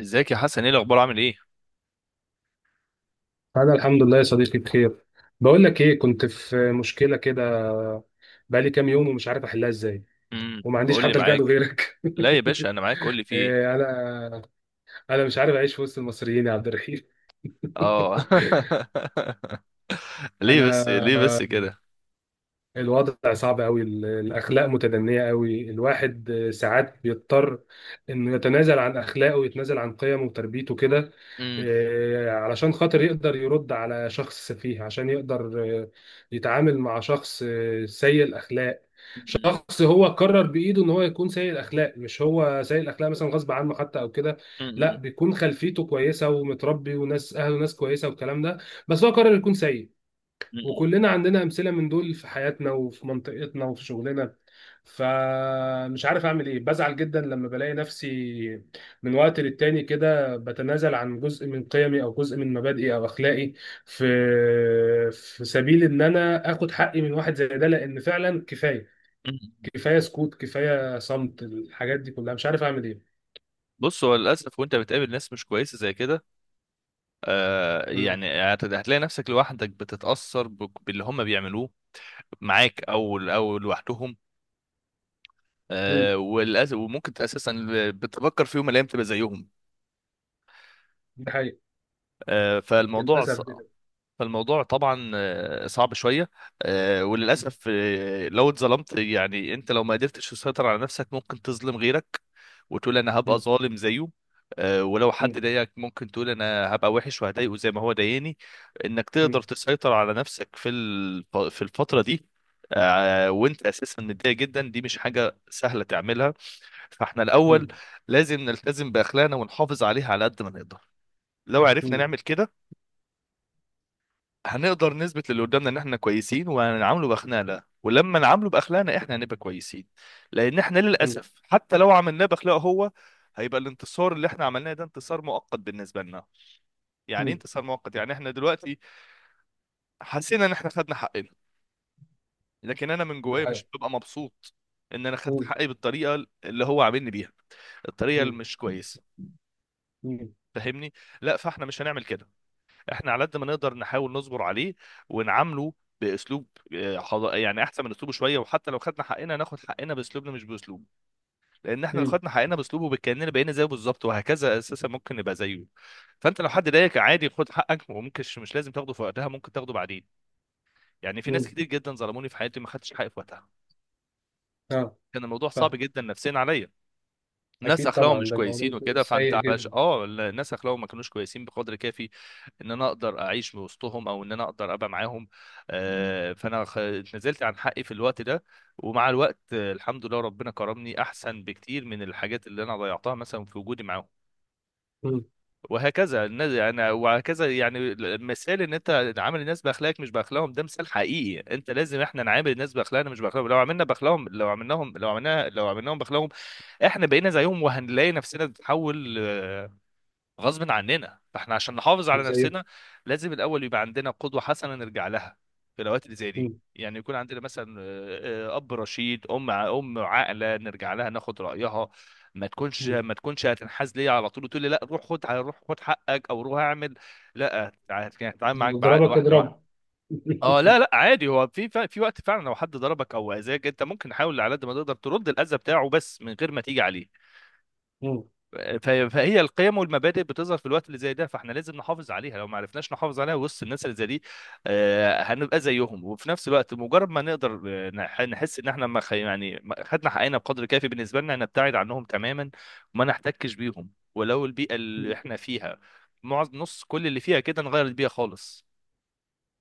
ازيك يا حسن، ايه الاخبار؟ عامل ايه؟ أنا الحمد لله يا صديقي، بخير. بقول لك إيه، كنت في مشكلة كده. بقالي كام يوم ومش عارف أحلها إزاي وما عنديش قول لي، حد ألجأ له معاك. غيرك. لا يا باشا، انا معاك، قول لي في ايه؟ إيه، أنا مش عارف أعيش في وسط المصريين يا عبد الرحيم. اه. ليه أنا بس ليه بس كده؟ الوضع صعب قوي، الاخلاق متدنيه قوي. الواحد ساعات بيضطر انه يتنازل عن اخلاقه ويتنازل عن قيمه وتربيته كده. امم علشان خاطر يقدر يرد على شخص سفيه، عشان يقدر يتعامل مع شخص سيء الاخلاق. شخص هو قرر بايده ان هو يكون سيء الاخلاق، مش هو سيء الاخلاق مثلا غصب عنه حتى او كده. لا، بيكون خلفيته كويسه ومتربي وناس اهله ناس كويسه والكلام ده، بس هو قرر يكون سيء. وكلنا عندنا امثله من دول في حياتنا وفي منطقتنا وفي شغلنا. فمش عارف اعمل ايه، بزعل جدا لما بلاقي نفسي من وقت للتاني كده بتنازل عن جزء من قيمي او جزء من مبادئي او اخلاقي، في في سبيل ان انا اخد حقي من واحد زي ده. لان فعلا كفايه، كفايه سكوت، كفايه صمت. الحاجات دي كلها مش عارف اعمل ايه. بص، هو للاسف وانت بتقابل ناس مش كويسه زي كده، مم. يعني، هتلاقي نفسك لوحدك، بتتاثر باللي هم بيعملوه معاك او لوحدهم. مم. وللاسف، وممكن اساسا بتفكر فيهم الايام تبقى زيهم. ده حقيقي. آه فالموضوع للاسف صعب ده. فالموضوع طبعا صعب شويه. وللاسف، لو اتظلمت يعني انت لو ما قدرتش تسيطر على نفسك ممكن تظلم غيرك وتقول انا هبقى مم. ظالم زيه. ولو مم. حد ضايقك ممكن تقول انا هبقى وحش وهضايقه زي ما هو ضايقني. انك تقدر مم. تسيطر على نفسك في الفتره دي. وانت اساسا متضايق جدا، دي مش حاجه سهله تعملها. فاحنا الاول مم. لازم نلتزم باخلاقنا ونحافظ عليها على قد ما نقدر. لو عرفنا نعمل كده هنقدر نثبت للي قدامنا ان احنا كويسين وهنعامله باخلاقنا، ولما نعامله باخلاقنا احنا هنبقى كويسين. لان احنا مم. للاسف حتى لو عملناه باخلاقه هو، هيبقى الانتصار اللي احنا عملناه ده انتصار مؤقت بالنسبه لنا. يعني ايه مم. انتصار مؤقت؟ يعني احنا دلوقتي حسينا ان احنا خدنا حقنا، لكن انا من ده جوايا حقيقي. مش ببقى مبسوط ان انا خدت حقي بالطريقه اللي هو عاملني بيها، الطريقه اللي مم. مش كويسه. مم. فاهمني؟ لا، فاحنا مش هنعمل كده. احنا على قد ما نقدر نحاول نصبر عليه ونعامله باسلوب، يعني احسن من اسلوبه شويه، وحتى لو خدنا حقنا ناخد حقنا باسلوبنا مش باسلوبه. لان احنا لو مم. خدنا حقنا باسلوبه بكاننا بقينا زيه بالظبط، وهكذا اساسا ممكن نبقى زيه. فانت لو حد ضايقك، عادي، خد حقك، وممكن مش لازم تاخده في وقتها، ممكن تاخده بعدين. يعني في ناس مم. كتير جدا ظلموني في حياتي، ما خدتش حقي في وقتها. اه. كان الموضوع صعب فاهم. جدا نفسيا عليا. ناس اكيد اخلاقهم طبعا، مش ده الموضوع كويسين بيكون وكده، سيء فانت علش جدا. اه الناس اخلاقهم ما كانوش كويسين بقدر كافي ان انا اقدر اعيش وسطهم او ان انا اقدر ابقى معاهم. مم. فانا نزلت عن حقي في الوقت ده. ومع الوقت الحمد لله ربنا كرمني احسن بكتير من الحاجات اللي انا ضيعتها مثلا في وجودي معاهم. مم. وهكذا الناس، يعني وهكذا يعني مثال ان انت عامل الناس باخلاقك مش باخلاقهم، ده مثال حقيقي. انت لازم احنا نعامل الناس باخلاقنا مش باخلاقهم. لو عملنا باخلاقهم لو عملناهم لو عملنا لو عملناهم باخلاقهم، احنا بقينا زيهم وهنلاقي نفسنا بنتحول غصب عننا، فاحنا عشان نحافظ على زي. نفسنا لازم الاول يبقى عندنا قدوه حسنه نرجع لها في الاوقات اللي زي دي. مم. يعني يكون عندنا مثلا اب رشيد، ام عاقله، نرجع لها ناخد رايها. ما تكونش مم. ما تكونش هتنحاز ليا على طول وتقول لي: لا روح خد، حقك، او روح اعمل. لا، هتعامل اللي معاك بعقل يضربك واحده واحده. اضربه. اه لا لا، عادي. هو في في وقت فعلا لو حد ضربك او اذاك انت ممكن تحاول على قد ما تقدر ترد الاذى بتاعه، بس من غير ما تيجي عليه. مم. فهي القيم والمبادئ بتظهر في الوقت اللي زي ده، فاحنا لازم نحافظ عليها. لو ما عرفناش نحافظ عليها وسط الناس اللي زي دي، هنبقى زيهم. وفي نفس الوقت مجرد ما نقدر نحس ان احنا ما خ- يعني ما خدنا حقنا بقدر كافي بالنسبه لنا، نبتعد عنهم تماما وما نحتكش بيهم. ولو البيئه اللي مم. احنا فيها معظم، نص، كل اللي فيها كده، نغير البيئه خالص.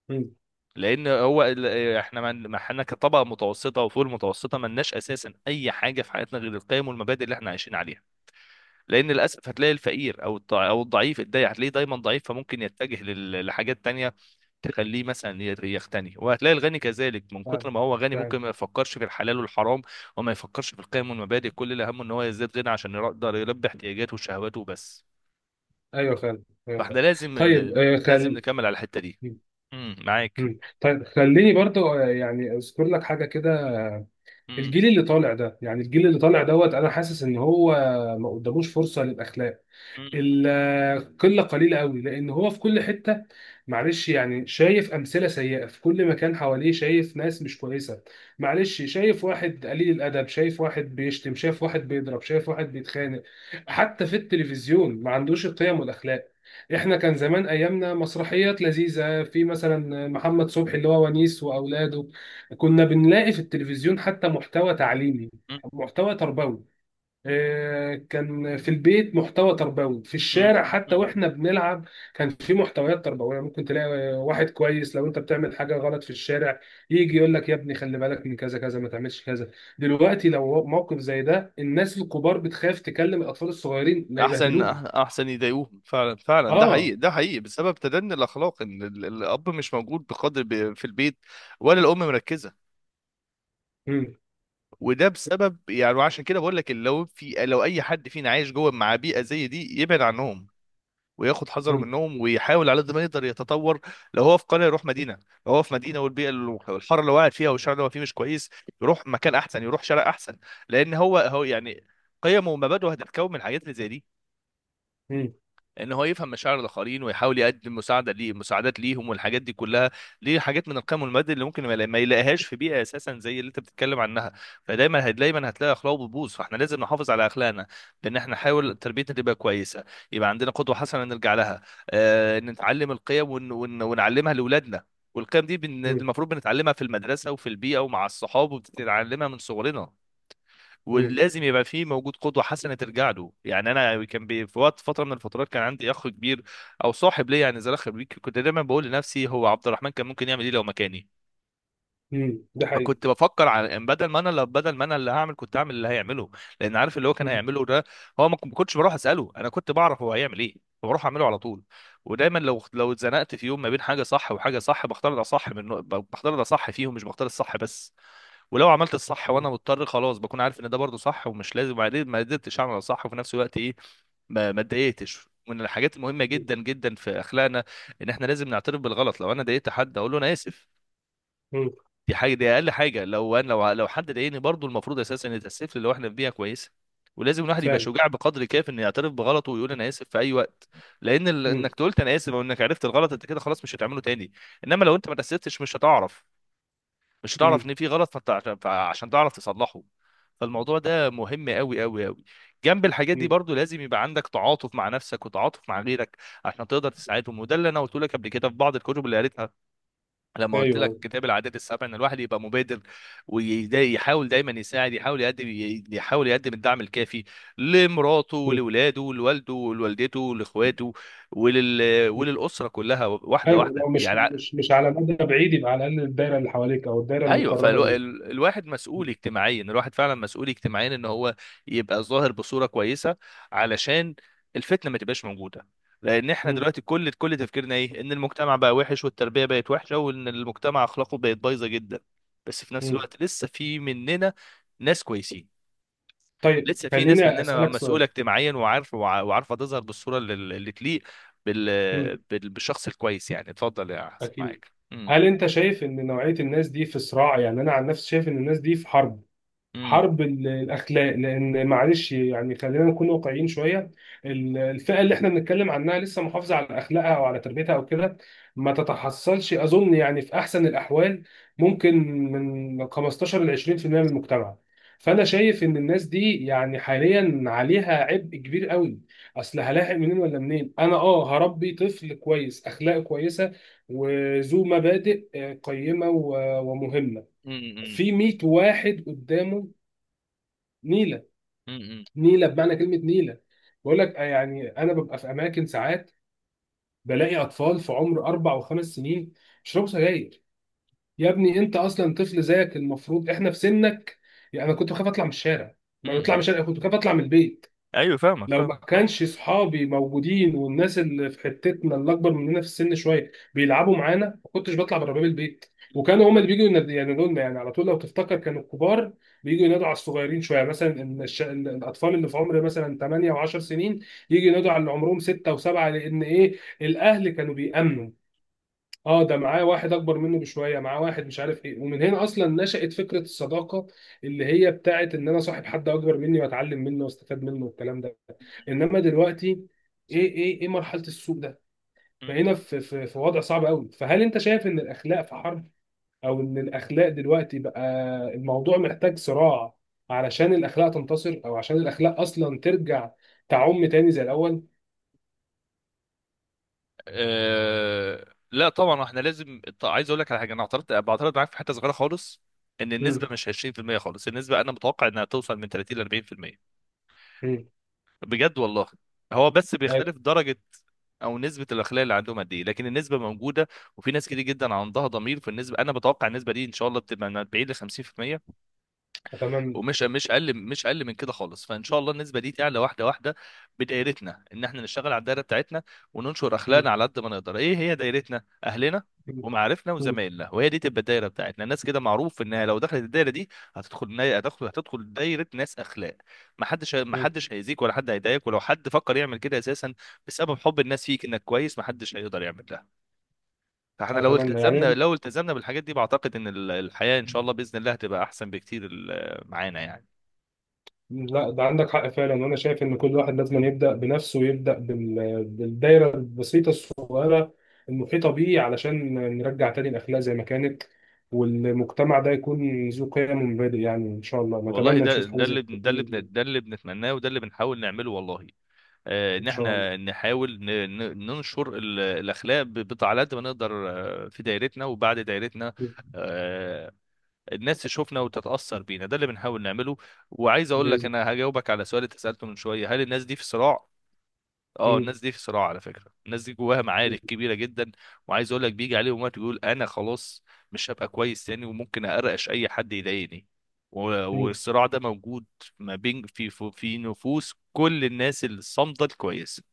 مم. لان هو احنا ما احنا كطبقه متوسطه وفوق المتوسطه ما لناش اساسا اي حاجه في حياتنا غير القيم والمبادئ اللي احنا عايشين عليها. لان للاسف هتلاقي الفقير او الضعيف هتلاقيه دايما ضعيف، فممكن يتجه لحاجات تانية تخليه مثلا يغتني، وهتلاقي الغني كذلك من فاهم. كتر ما هو غني فاهم. ممكن ما يفكرش في الحلال والحرام وما يفكرش في القيم والمبادئ، كل اللي همه ان هو يزداد غنى عشان يقدر يلبي احتياجاته وشهواته وبس. ايوه فاهم، أيوة فاحنا فاهم. طيب آه، لازم خل نكمل على الحتة دي. مم. معاك. مم. طيب خليني برضو، يعني اذكر لك حاجه كده. آه، امم. الجيل اللي طالع ده، يعني الجيل اللي طالع دوت، انا حاسس ان هو ما قداموش فرصه للاخلاق. امم. القله قليله قوي، لان هو في كل حته، معلش يعني شايف امثله سيئه في كل مكان حواليه، شايف ناس مش كويسه، معلش شايف واحد قليل الادب، شايف واحد بيشتم، شايف واحد بيضرب، شايف واحد بيتخانق. حتى في التلفزيون ما عندوش القيم والاخلاق. احنا كان زمان ايامنا مسرحيات لذيذه، في مثلا محمد صبحي اللي هو ونيس واولاده. كنا بنلاقي في التلفزيون حتى محتوى تعليمي، محتوى تربوي. كان في البيت محتوى تربوي، في الشارع امم. حتى امم. واحنا بنلعب كان في محتويات تربويه. ممكن تلاقي واحد كويس لو انت بتعمل حاجه غلط في الشارع يجي يقول لك يا ابني خلي بالك من كذا كذا، ما تعملش كذا. دلوقتي لو موقف زي ده، الناس الكبار بتخاف تكلم الاطفال الصغيرين لا احسن يبهدلوهم. احسن يضايقوهم فعلا فعلا ده حقيقي اه. ده حقيقي بسبب تدني الاخلاق ان ال- الاب مش موجود بقدر ب- في البيت ولا الام مركزه مم. وده بسبب يعني وعشان كده بقول لك لو في لو اي حد فينا عايش جوه مع بيئه زي دي يبعد عنهم وياخد حذره مم. منهم ويحاول على قد ما يقدر يتطور لو هو في قريه يروح مدينه لو هو في مدينه والبيئه اللي- الحاره اللي قاعد فيها والشارع اللي هو فيه مش كويس يروح مكان احسن يروح شارع احسن لان هو هو يعني قيمه ومبادئه هتتكون من الحاجات اللي زي دي مم. ان هو يفهم مشاعر الاخرين ويحاول يقدم مساعده ليه مساعدات ليهم والحاجات دي كلها دي حاجات من القيم والمبادئ اللي ممكن ما يلا- ما يلاقيهاش في بيئه اساسا زي اللي انت بتتكلم عنها فدايما هت- دايما هتلاقي اخلاق بتبوظ فاحنا لازم نحافظ على اخلاقنا بان احنا نحاول تربيتنا تبقى كويسه يبقى عندنا قدوه حسنه نرجع لها آه نتعلم القيم ون... ون... ونعلمها لاولادنا والقيم دي بن... مم. المفروض بنتعلمها في المدرسه وفي البيئه ومع الصحاب وبتتعلمها من صغرنا مم. ولازم يبقى فيه موجود قدوة حسنة ترجع له يعني أنا كان بي في وقت فترة من الفترات كان عندي أخ كبير أو صاحب ليا يعني زي أخ بيك كنت دايما بقول لنفسي هو عبد الرحمن كان ممكن يعمل إيه لو مكاني مم. ده حقيقي. فكنت بفكر على إن بدل ما انا اللي بدل ما انا اللي هعمل كنت هعمل اللي هيعمله لان عارف اللي هو كان مم. هيعمله ده هو ما ما كنتش بروح اساله انا كنت بعرف هو هيعمل ايه فبروح اعمله على طول ودايما لو لو اتزنقت في يوم ما بين حاجه صح وحاجه صح بختار ده صح من بختار ده صح فيهم مش بختار الصح بس ولو عملت الصح وانا مضطر خلاص بكون عارف ان ده برضو صح ومش لازم وبعدين ما قدرتش اعمل الصح وفي نفس الوقت ايه ما ما اتضايقتش ومن الحاجات المهمه مم. جدا جدا في اخلاقنا ان احنا لازم نعترف بالغلط لو انا ضايقت حد اقول له انا اسف مم. دي حاجه دي اقل حاجه لو انا لو لو حد ضايقني برضو المفروض اساسا ان يتاسف لي لو احنا في بيئه كويسه ولازم الواحد يبقى فعلا. شجاع بقدر كاف انه يعترف بغلطه ويقول انا اسف في اي وقت لان ال- مم. انك قلت انا اسف او انك عرفت الغلط انت كده خلاص مش هتعمله تاني انما لو انت ما تاسفتش مش هتعرف مش هتعرف مم. ان في غلط فانت عشان عشان تعرف تصلحه فالموضوع ده مهم قوي قوي قوي جنب الحاجات دي مم. برضو لازم يبقى عندك تعاطف مع نفسك وتعاطف مع غيرك عشان تقدر تساعدهم وده اللي انا قلت لك قبل كده في بعض الكتب اللي قريتها لما قلت لك ايوه. كتاب العادات السبع ان الواحد يبقى مبادر ويحاول دايما يساعد يحاول يقدم يحاول يقدم الدعم الكافي لمراته مم. ولولاده لوالده ولوالدته لاخواته ولل... وللاسره كلها واحده ايوه، واحده لو مش يعني مش مش على مدى بعيد يبقى على الاقل الدايره اللي حواليك او الدايره ايوه المقربه دي. فالواحد مسؤول اجتماعيا الواحد فعلا مسؤول اجتماعيا ان هو يبقى ظاهر بصوره كويسه علشان الفتنه ما تبقاش موجوده لان احنا مم. دلوقتي كل كل تفكيرنا ايه ان المجتمع بقى وحش والتربيه بقت وحشه وان المجتمع اخلاقه بقت بايظه جدا بس في نفس مم. الوقت لسه في مننا ناس كويسين طيب لسه في ناس خليني مننا اسالك سؤال. مسؤوله اجتماعيا وعارف وع- وعارفه تظهر بالصوره اللي اللي تليق بال... مم. بال... بالشخص الكويس يعني اتفضل يا حسن اكيد. معاك هل انت شايف ان نوعيه الناس دي في صراع؟ يعني انا عن نفسي شايف ان الناس دي في حرب، امم حرب الاخلاق. لان معلش يعني، خلينا نكون واقعيين شويه. الفئه اللي احنا بنتكلم عنها لسه محافظه على اخلاقها او على تربيتها او كده ما تتحصلش اظن، يعني في احسن الاحوال ممكن من 15 ل 20% من المجتمع. فانا شايف ان الناس دي يعني حاليا عليها عبء كبير قوي. اصل هلاحق منين ولا منين؟ انا اه هربي طفل كويس، اخلاقه كويسه وذو مبادئ، قيمه ومهمه، امم امم في 100 واحد قدامه نيله. امم. نيله بمعنى كلمه نيله. بقول لك يعني انا ببقى في اماكن ساعات بلاقي اطفال في عمر 4 و5 سنين بيشربوا سجاير. يا ابني انت اصلا طفل، زيك المفروض احنا في سنك. يعني انا كنت بخاف اطلع من الشارع، امم. ما بطلع من امم. الشارع، كنت بخاف اطلع من البيت. ايوه، فاهمك، لو ما فاهمك طبعا. كانش صحابي موجودين والناس اللي في حتتنا اللي اكبر مننا في السن شويه بيلعبوا معانا ما كنتش بطلع بره باب البيت. م- وكانوا هما اللي بيجوا ينادوا لنا، يعني على طول لو تفتكر، كانوا الكبار بيجوا ينادوا على الصغيرين شويه. مثلا إن الاطفال اللي في عمر مثلا 8 و10 سنين يجوا ينادوا على اللي عمرهم 6 و7. لان ايه؟ الاهل كانوا بيأمنوا، اه ده معاه واحد اكبر منه بشويه، معاه واحد مش عارف ايه. ومن هنا اصلا نشأت فكره الصداقه، اللي هي بتاعت ان انا صاحب حد اكبر مني واتعلم منه واستفاد منه والكلام ده. انما دلوقتي ايه مرحله السوق ده، م. بقينا في وضع صعب قوي. فهل انت شايف ان الاخلاق في حرب؟ او ان الاخلاق دلوقتي بقى الموضوع محتاج صراع علشان الاخلاق تنتصر، او عشان الاخلاق اصلا ترجع تعم تاني زي الاول؟ لا طبعا احنا لازم، عايز اقول لك على حاجه، انا بعترض معاك في حته صغيره خالص، ان النسبه امم. مش 20% خالص. النسبه انا متوقع انها توصل من 30 ل 40%، امم. بجد والله. هو بس بيختلف درجه، او نسبه الاخلاق اللي عندهم قد ايه، لكن النسبه موجوده. وفي ناس كتير جدا عندها ضمير في النسبه، انا بتوقع النسبه دي ان شاء الله بتبقى من 40 ل 50%، اتمنى. ومش مش اقل، من كده خالص. فان شاء الله النسبه دي تعلى واحده واحده بدايرتنا، ان احنا نشتغل على الدايره بتاعتنا وننشر اخلاقنا مم. على قد ما نقدر. ايه هي دايرتنا؟ اهلنا مم. ومعارفنا وزمايلنا، وهي دي تبقى الدايره بتاعتنا. الناس كده معروف انها لو دخلت الدايره دي، هتدخل دايره ناس اخلاق. ما حدش ما مم. حدش هيأذيك ولا حد هيضايقك، ولو حد فكر يعمل كده اساسا، بسبب حب الناس فيك انك كويس، ما حدش هيقدر يعمل ده. فاحنا لو اتمنى التزمنا يعني. لو التزمنا بالحاجات دي بعتقد ان الحياه ان شاء الله باذن الله هتبقى احسن بكتير معانا يعني. لا، ده عندك حق فعلا، وانا شايف ان كل واحد لازم يبدا بنفسه ويبدا بالدايره البسيطه الصغيره المحيطه بيه، علشان نرجع تاني الاخلاق زي ما كانت والمجتمع ده يكون ذو قيم ومبادئ. يعني ان شاء الله والله، نتمنى نشوف حاجه زي كده. ده اللي بنتمناه وده اللي بنحاول نعمله والله. ان ان شاء الله. احنا نحاول ننشر الاخلاق على قد ما نقدر، في دايرتنا وبعد دايرتنا. آه، الناس تشوفنا وتتاثر بينا، ده اللي بنحاول نعمله. وعايز اقول لك باذن انا هجاوبك على سؤال انت سالته من شويه: هل الناس دي في صراع؟ اه، الله. مم. الناس دي في صراع. على فكره الناس دي جواها معارك كبيره جدا. وعايز اقول لك بيجي عليهم وقت يقول: انا خلاص مش هبقى كويس تاني، وممكن اقرقش اي حد يضايقني. و- مم. والصراع ده موجود ما بين، في في نفوس كل الناس الصامده الكويسه.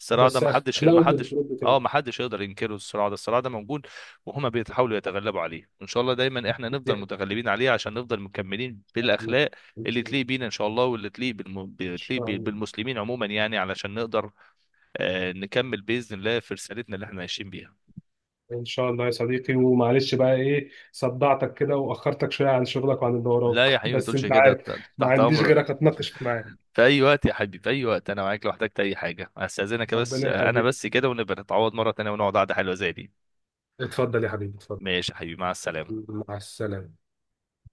الصراع ده بس محدش اخلاقه اللي محدش بترد تاني اه محدش يقدر ينكره. الصراع ده موجود، وهما بيحاولوا يتغلبوا عليه، وان شاء الله دايما احنا دي نفضل متغلبين عليه عشان نفضل مكملين حاجة. بالاخلاق ان اللي شاء الله. تليق بينا ان شاء الله، إن بتليق شاء الله. بالمسلمين عموما يعني، علشان نقدر نكمل باذن الله في رسالتنا اللي احنا عايشين بيها. ان شاء الله يا صديقي، ومعلش بقى ايه صدعتك كده واخرتك شويه عن شغلك وعن اللي لا يا وراك. حبيبي، ما بس تقولش انت كده. عارف ما تحت عنديش امرك غيرك اتناقش معاه. في اي وقت يا حبيبي، في اي وقت انا معاك، لو احتجت اي حاجه استاذنك بس. ربنا انا يخليك. بس كده، ونبقى نتعوض مره تانية ونقعد قعده حلوه زي دي. اتفضل يا حبيبي، اتفضل. ماشي يا حبيبي، مع السلامه. مع السلامه.